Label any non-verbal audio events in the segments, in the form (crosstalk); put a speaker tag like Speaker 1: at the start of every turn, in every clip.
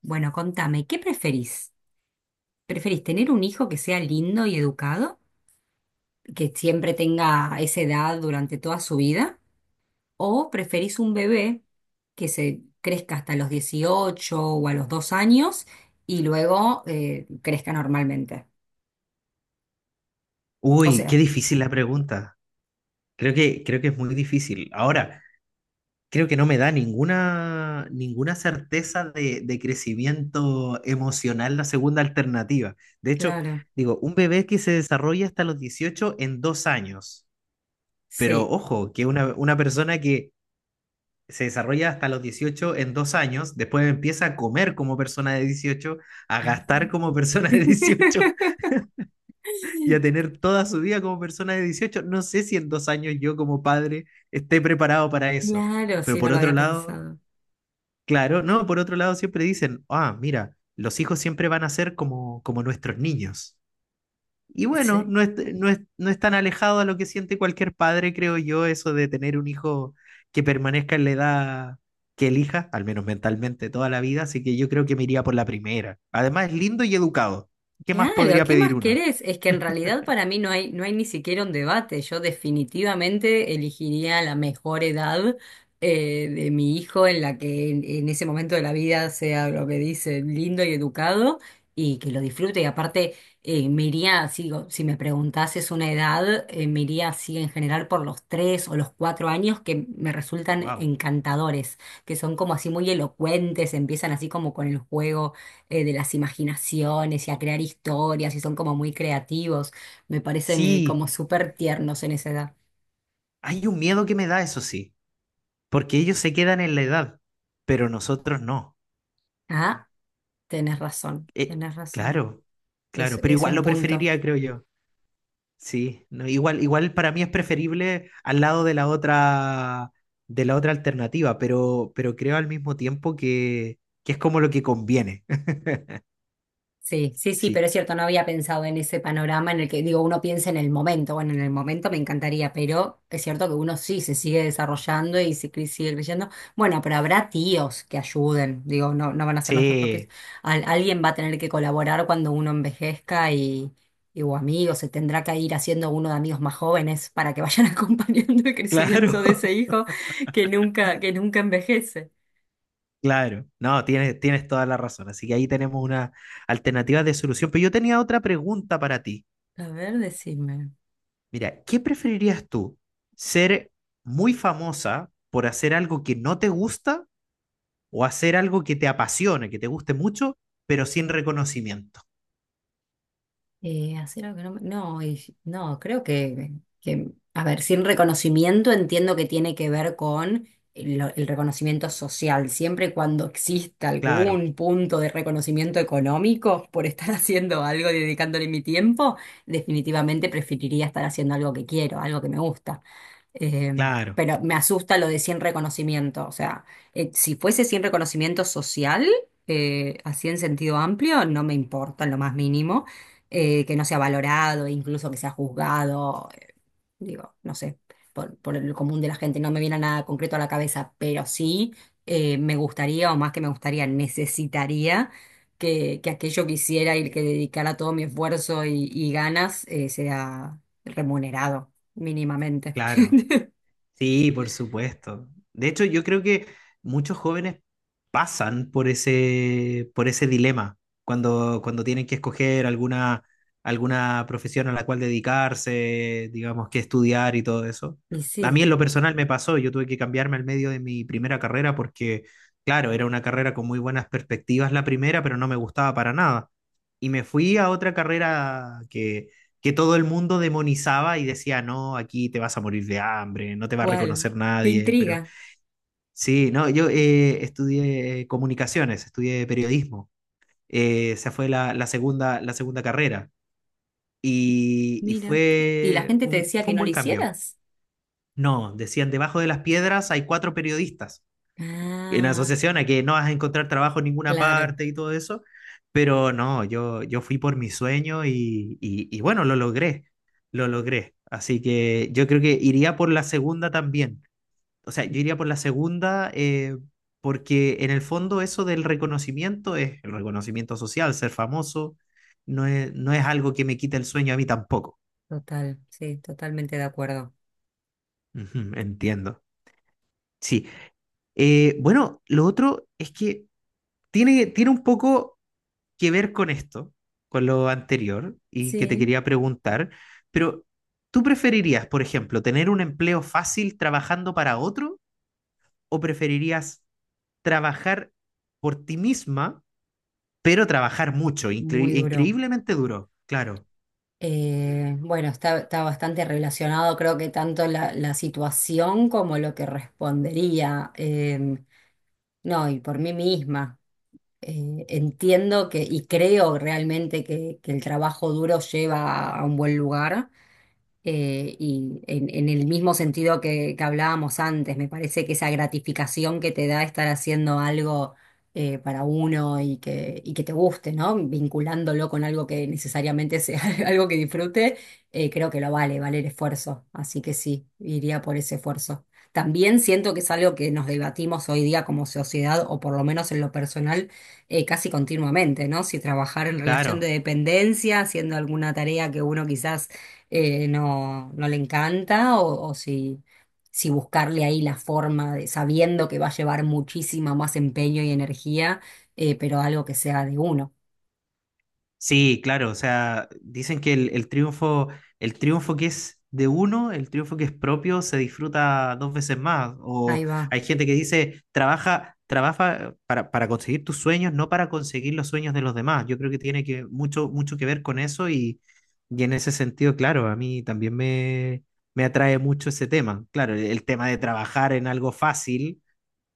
Speaker 1: Bueno, contame, ¿qué preferís? ¿Preferís tener un hijo que sea lindo y educado, que siempre tenga esa edad durante toda su vida? ¿O preferís un bebé que se crezca hasta los 18 o a los 2 años y luego crezca normalmente? O
Speaker 2: Uy, qué
Speaker 1: sea,
Speaker 2: difícil la pregunta. Creo que es muy difícil. Ahora, creo que no me da ninguna certeza de crecimiento emocional la segunda alternativa. De hecho,
Speaker 1: claro,
Speaker 2: digo, un bebé que se desarrolla hasta los 18 en 2 años. Pero
Speaker 1: sí.
Speaker 2: ojo, que una persona que se desarrolla hasta los 18 en dos años, después empieza a comer como persona de 18, a gastar como (laughs) persona de dieciocho
Speaker 1: (laughs)
Speaker 2: y a tener toda su vida como persona de 18. No sé si en 2 años yo como padre esté preparado para eso.
Speaker 1: Claro,
Speaker 2: Pero
Speaker 1: sí, no
Speaker 2: por
Speaker 1: lo
Speaker 2: otro
Speaker 1: había
Speaker 2: lado,
Speaker 1: pensado.
Speaker 2: claro, no, por otro lado siempre dicen, ah, mira, los hijos siempre van a ser como nuestros niños. Y bueno,
Speaker 1: Sí.
Speaker 2: no es tan alejado a lo que siente cualquier padre, creo yo, eso de tener un hijo que permanezca en la edad que elija, al menos mentalmente, toda la vida. Así que yo creo que me iría por la primera. Además, es lindo y educado. ¿Qué más
Speaker 1: Claro,
Speaker 2: podría
Speaker 1: ¿qué
Speaker 2: pedir
Speaker 1: más
Speaker 2: uno?
Speaker 1: querés? Es que en realidad para mí no hay ni siquiera un debate. Yo definitivamente elegiría la mejor edad de mi hijo en la que en ese momento de la vida sea lo que dice lindo y educado y que lo disfrute. Y aparte, me iría, si me preguntases una edad, me iría así en general por los 3 o los 4 años que me resultan
Speaker 2: Wow.
Speaker 1: encantadores, que son como así muy elocuentes, empiezan así como con el juego de las imaginaciones y a crear historias y son como muy creativos. Me parecen
Speaker 2: Sí,
Speaker 1: como súper tiernos en esa edad.
Speaker 2: hay un miedo que me da, eso sí, porque ellos se quedan en la edad, pero nosotros no.
Speaker 1: Ah, tenés razón,
Speaker 2: Eh,
Speaker 1: tenés razón.
Speaker 2: claro, claro, pero
Speaker 1: Es
Speaker 2: igual
Speaker 1: un
Speaker 2: lo
Speaker 1: punto.
Speaker 2: preferiría, creo yo. Sí, no, igual para mí es preferible al lado de la otra alternativa, pero, creo al mismo tiempo que es como lo que conviene. (laughs)
Speaker 1: Sí, sí, sí, pero es
Speaker 2: Sí,
Speaker 1: cierto, no había pensado en ese panorama en el que, digo, uno piensa en el momento, bueno, en el momento me encantaría, pero es cierto que uno sí se sigue desarrollando y sigue creciendo. Bueno, pero habrá tíos que ayuden, digo, no van a ser nuestros propios.
Speaker 2: sí,
Speaker 1: Alguien va a tener que colaborar cuando uno envejezca y o amigos, se tendrá que ir haciendo uno de amigos más jóvenes para que vayan (laughs) acompañando el crecimiento
Speaker 2: claro,
Speaker 1: de ese
Speaker 2: (laughs)
Speaker 1: hijo que nunca envejece.
Speaker 2: claro. No, tienes toda la razón. Así que ahí tenemos una alternativa de solución. Pero yo tenía otra pregunta para ti.
Speaker 1: A ver, decime.
Speaker 2: Mira, ¿qué preferirías tú? ¿Ser muy famosa por hacer algo que no te gusta o hacer algo que te apasione, que te guste mucho, pero sin reconocimiento?
Speaker 1: Hacer algo que no, me- no, y- si, no, creo que, a ver, sin reconocimiento entiendo que tiene que ver con el reconocimiento social. Siempre y cuando exista
Speaker 2: Claro,
Speaker 1: algún punto de reconocimiento económico por estar (laughs) haciendo algo, dedicándole mi tiempo, definitivamente preferiría estar haciendo algo que quiero, algo que me gusta.
Speaker 2: claro,
Speaker 1: Pero me asusta lo de sin reconocimiento. O sea, si fuese sin reconocimiento social, así en sentido amplio, no me importa en lo más mínimo que no sea valorado, incluso que sea juzgado, digo, no sé, por el común de la gente, no me viene nada concreto a la cabeza, pero sí me gustaría, o más que me gustaría, necesitaría que aquello que hiciera y que dedicara todo mi esfuerzo y ganas sea remunerado mínimamente. (laughs)
Speaker 2: claro. Sí, por supuesto. De hecho, yo creo que muchos jóvenes pasan por ese dilema cuando tienen que escoger alguna profesión a la cual dedicarse, digamos, que estudiar y todo eso.
Speaker 1: Y
Speaker 2: A mí en
Speaker 1: sí,
Speaker 2: lo personal me pasó. Yo tuve que cambiarme al medio de mi primera carrera porque, claro, era una carrera con muy buenas perspectivas la primera, pero no me gustaba para nada. Y me fui a otra carrera que todo el mundo demonizaba y decía, no, aquí te vas a morir de hambre, no te va a
Speaker 1: igual,
Speaker 2: reconocer
Speaker 1: qué
Speaker 2: nadie, pero
Speaker 1: intriga,
Speaker 2: sí, no, yo estudié comunicaciones, estudié periodismo. Esa fue la segunda carrera y
Speaker 1: mira. ¿Y la
Speaker 2: fue
Speaker 1: gente te
Speaker 2: un,
Speaker 1: decía que
Speaker 2: fue un
Speaker 1: no lo
Speaker 2: buen cambio.
Speaker 1: hicieras?
Speaker 2: No, decían, debajo de las piedras hay cuatro periodistas. En
Speaker 1: Ah,
Speaker 2: asociación a que no vas a encontrar trabajo en ninguna
Speaker 1: claro,
Speaker 2: parte y todo eso, pero no, yo fui por mi sueño y bueno, lo logré, lo logré. Así que yo creo que iría por la segunda también. O sea, yo iría por la segunda porque en el fondo eso del reconocimiento es el reconocimiento social, ser famoso, no es algo que me quite el sueño a mí tampoco.
Speaker 1: total, sí, totalmente de acuerdo.
Speaker 2: Ujú, entiendo. Sí. Bueno, lo otro es que tiene un poco que ver con esto, con lo anterior, y que te
Speaker 1: Sí.
Speaker 2: quería preguntar, pero ¿tú preferirías, por ejemplo, tener un empleo fácil trabajando para otro, o preferirías trabajar por ti misma, pero trabajar mucho,
Speaker 1: Muy
Speaker 2: incre-
Speaker 1: duro.
Speaker 2: increíblemente duro? Claro,
Speaker 1: Bueno, está bastante relacionado, creo que tanto la situación como lo que respondería. No, y por mí misma. Entiendo que y creo realmente que el trabajo duro lleva a un buen lugar. Y en el mismo sentido que hablábamos antes, me parece que esa gratificación que te da estar haciendo algo para uno y y que te guste, ¿no? Vinculándolo con algo que necesariamente sea (laughs) algo que disfrute, creo que lo vale, vale el esfuerzo. Así que sí, iría por ese esfuerzo. También siento que es algo que nos debatimos hoy día como sociedad, o por lo menos en lo personal, casi continuamente, ¿no? Si trabajar en relación de
Speaker 2: claro.
Speaker 1: dependencia, haciendo alguna tarea que uno quizás no, no le encanta o, si buscarle ahí la forma de, sabiendo que va a llevar muchísimo más empeño y energía, pero algo que sea de uno.
Speaker 2: Sí, claro, o sea, dicen que el triunfo, el triunfo que es de uno, el triunfo que es propio, se disfruta dos veces más. O
Speaker 1: Ahí va.
Speaker 2: hay gente que dice, trabaja para conseguir tus sueños, no para conseguir los sueños de los demás. Yo creo que tiene que mucho, mucho que ver con eso y en ese sentido, claro, a mí también me atrae mucho ese tema. Claro, el tema de trabajar en algo fácil,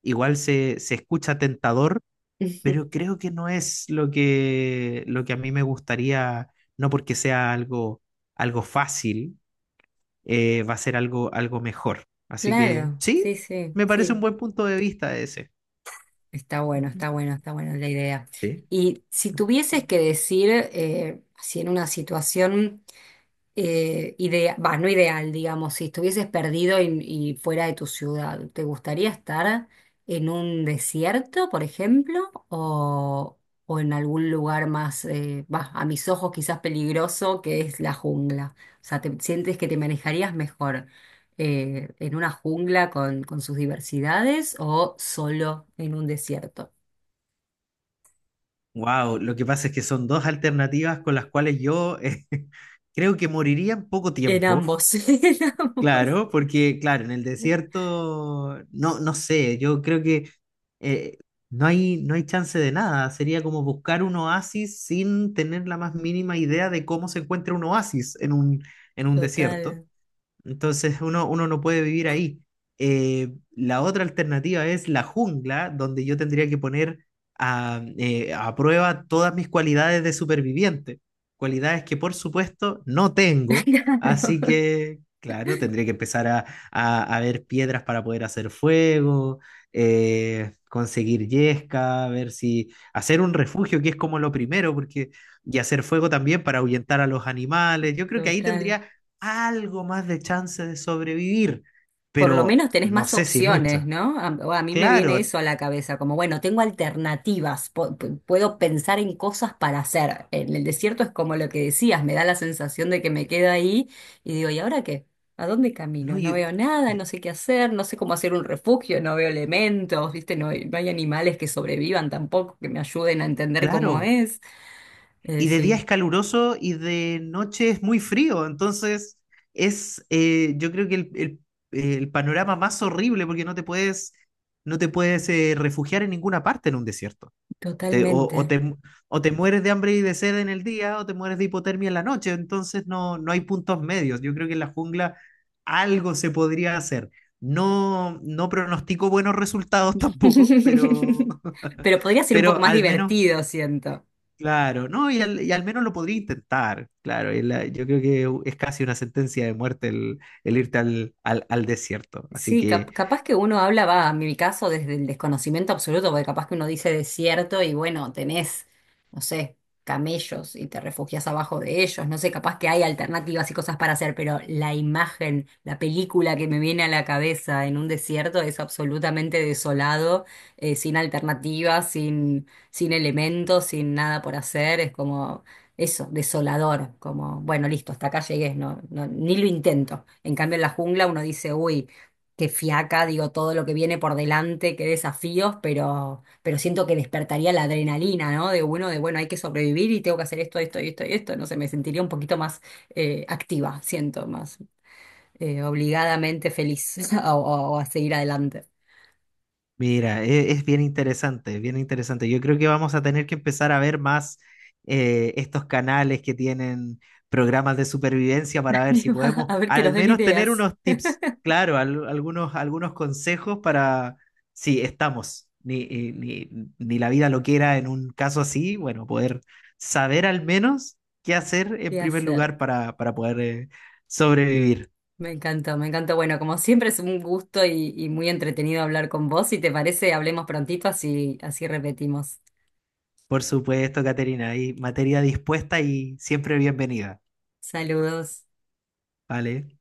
Speaker 2: igual se escucha tentador, pero
Speaker 1: (laughs)
Speaker 2: creo que no es lo que a mí me gustaría, no porque sea algo fácil, va a ser algo mejor. Así que
Speaker 1: Claro,
Speaker 2: sí,
Speaker 1: sí, sí,
Speaker 2: me parece un
Speaker 1: sí.
Speaker 2: buen punto de vista ese.
Speaker 1: Está bueno,
Speaker 2: Ujú.
Speaker 1: está bueno, está buena la idea.
Speaker 2: Sí.
Speaker 1: Y si tuvieses que decir, si en una situación no ideal, digamos, si estuvieses perdido y fuera de tu ciudad, ¿te gustaría estar en un desierto, por ejemplo, o en algún lugar más, a mis ojos quizás peligroso, que es la jungla? O sea, ¿te sientes que te manejarías mejor en una jungla con sus diversidades o solo en un desierto?
Speaker 2: Wow, lo que pasa es que son dos alternativas con las cuales yo (laughs) creo que moriría en poco
Speaker 1: En
Speaker 2: tiempo.
Speaker 1: ambos, (laughs) en ambos.
Speaker 2: Claro, porque claro, en el desierto, no, no sé, yo creo que eh, no hay chance de nada. Sería como buscar un oasis sin tener la más mínima idea de cómo se encuentra un oasis en un desierto.
Speaker 1: Total.
Speaker 2: Entonces uno no puede vivir ahí. Eh, la otra alternativa es la jungla, donde yo tendría que poner a prueba todas mis cualidades de superviviente, cualidades que por supuesto no tengo, así
Speaker 1: (laughs) Claro,
Speaker 2: que, claro, tendría que empezar a ver piedras para poder hacer fuego, conseguir yesca, ver si hacer un refugio, que es como lo primero, porque y hacer fuego también para ahuyentar a los animales. Yo creo que ahí
Speaker 1: total.
Speaker 2: tendría algo más de chance de sobrevivir,
Speaker 1: Por lo
Speaker 2: pero
Speaker 1: menos tenés
Speaker 2: no
Speaker 1: más
Speaker 2: sé si
Speaker 1: opciones,
Speaker 2: mucha.
Speaker 1: ¿no? A, o a mí me viene
Speaker 2: Claro,
Speaker 1: eso a la cabeza, como bueno, tengo alternativas, puedo pensar en cosas para hacer. En el desierto es como lo que decías, me da la sensación de que me quedo ahí y digo, ¿y ahora qué? ¿A dónde
Speaker 2: no,
Speaker 1: camino? No veo nada, no
Speaker 2: y-
Speaker 1: sé qué hacer, no sé cómo hacer un refugio, no veo elementos, ¿viste? No hay animales que sobrevivan tampoco, que me ayuden a entender cómo
Speaker 2: claro.
Speaker 1: es.
Speaker 2: Y de día
Speaker 1: Sí,
Speaker 2: es caluroso y de noche es muy frío, entonces yo creo que el panorama más horrible, porque no te puedes, no te puedes refugiar en ninguna parte en un desierto. Te- o, o
Speaker 1: totalmente.
Speaker 2: te, mu- o te mueres de hambre y de sed en el día, o te mueres de hipotermia en la noche. Entonces no, no hay puntos medios. Yo creo que en la jungla algo se podría hacer. No, no pronostico buenos resultados
Speaker 1: (laughs)
Speaker 2: tampoco, pero, (laughs)
Speaker 1: Pero podría ser un poco
Speaker 2: pero
Speaker 1: más
Speaker 2: al menos,
Speaker 1: divertido, siento.
Speaker 2: claro, no, y al menos lo podría intentar. Claro, yo creo que es casi una sentencia de muerte el irte al desierto. Así
Speaker 1: Sí,
Speaker 2: que.
Speaker 1: capaz que uno habla, va, en mi caso, desde el desconocimiento absoluto, porque capaz que uno dice desierto y bueno, tenés, no sé, camellos y te refugias abajo de ellos, no sé, capaz que hay alternativas y cosas para hacer, pero la imagen, la película que me viene a la cabeza en un desierto es absolutamente desolado, sin alternativas, sin elementos, sin nada por hacer, es como... Eso, desolador, como, bueno, listo, hasta acá llegué, no, no, ni lo intento. En cambio, en la jungla uno dice, uy, qué fiaca, digo, todo lo que viene por delante, qué desafíos, pero siento que despertaría la adrenalina, ¿no? De bueno, hay que sobrevivir y tengo que hacer esto, esto y esto y esto. No sé, me sentiría un poquito más activa, siento, más obligadamente feliz (laughs) o a seguir adelante.
Speaker 2: Mira, es bien interesante, bien interesante. Yo creo que vamos a tener que empezar a ver más estos canales que tienen programas de supervivencia para ver si
Speaker 1: (laughs)
Speaker 2: podemos
Speaker 1: A ver que nos
Speaker 2: al
Speaker 1: den
Speaker 2: menos tener
Speaker 1: ideas
Speaker 2: unos tips, claro, algunos consejos para si estamos, ni, ni, ni- ni la vida lo quiera en un caso así, bueno, poder saber al menos qué hacer en
Speaker 1: de
Speaker 2: primer
Speaker 1: hacer.
Speaker 2: lugar para, poder sobrevivir.
Speaker 1: Me encantó, me encantó. Bueno, como siempre es un gusto y muy entretenido hablar con vos. Si te parece, hablemos prontito, así, así repetimos.
Speaker 2: Por supuesto, Caterina, hay materia dispuesta y siempre bienvenida.
Speaker 1: Saludos.
Speaker 2: Vale.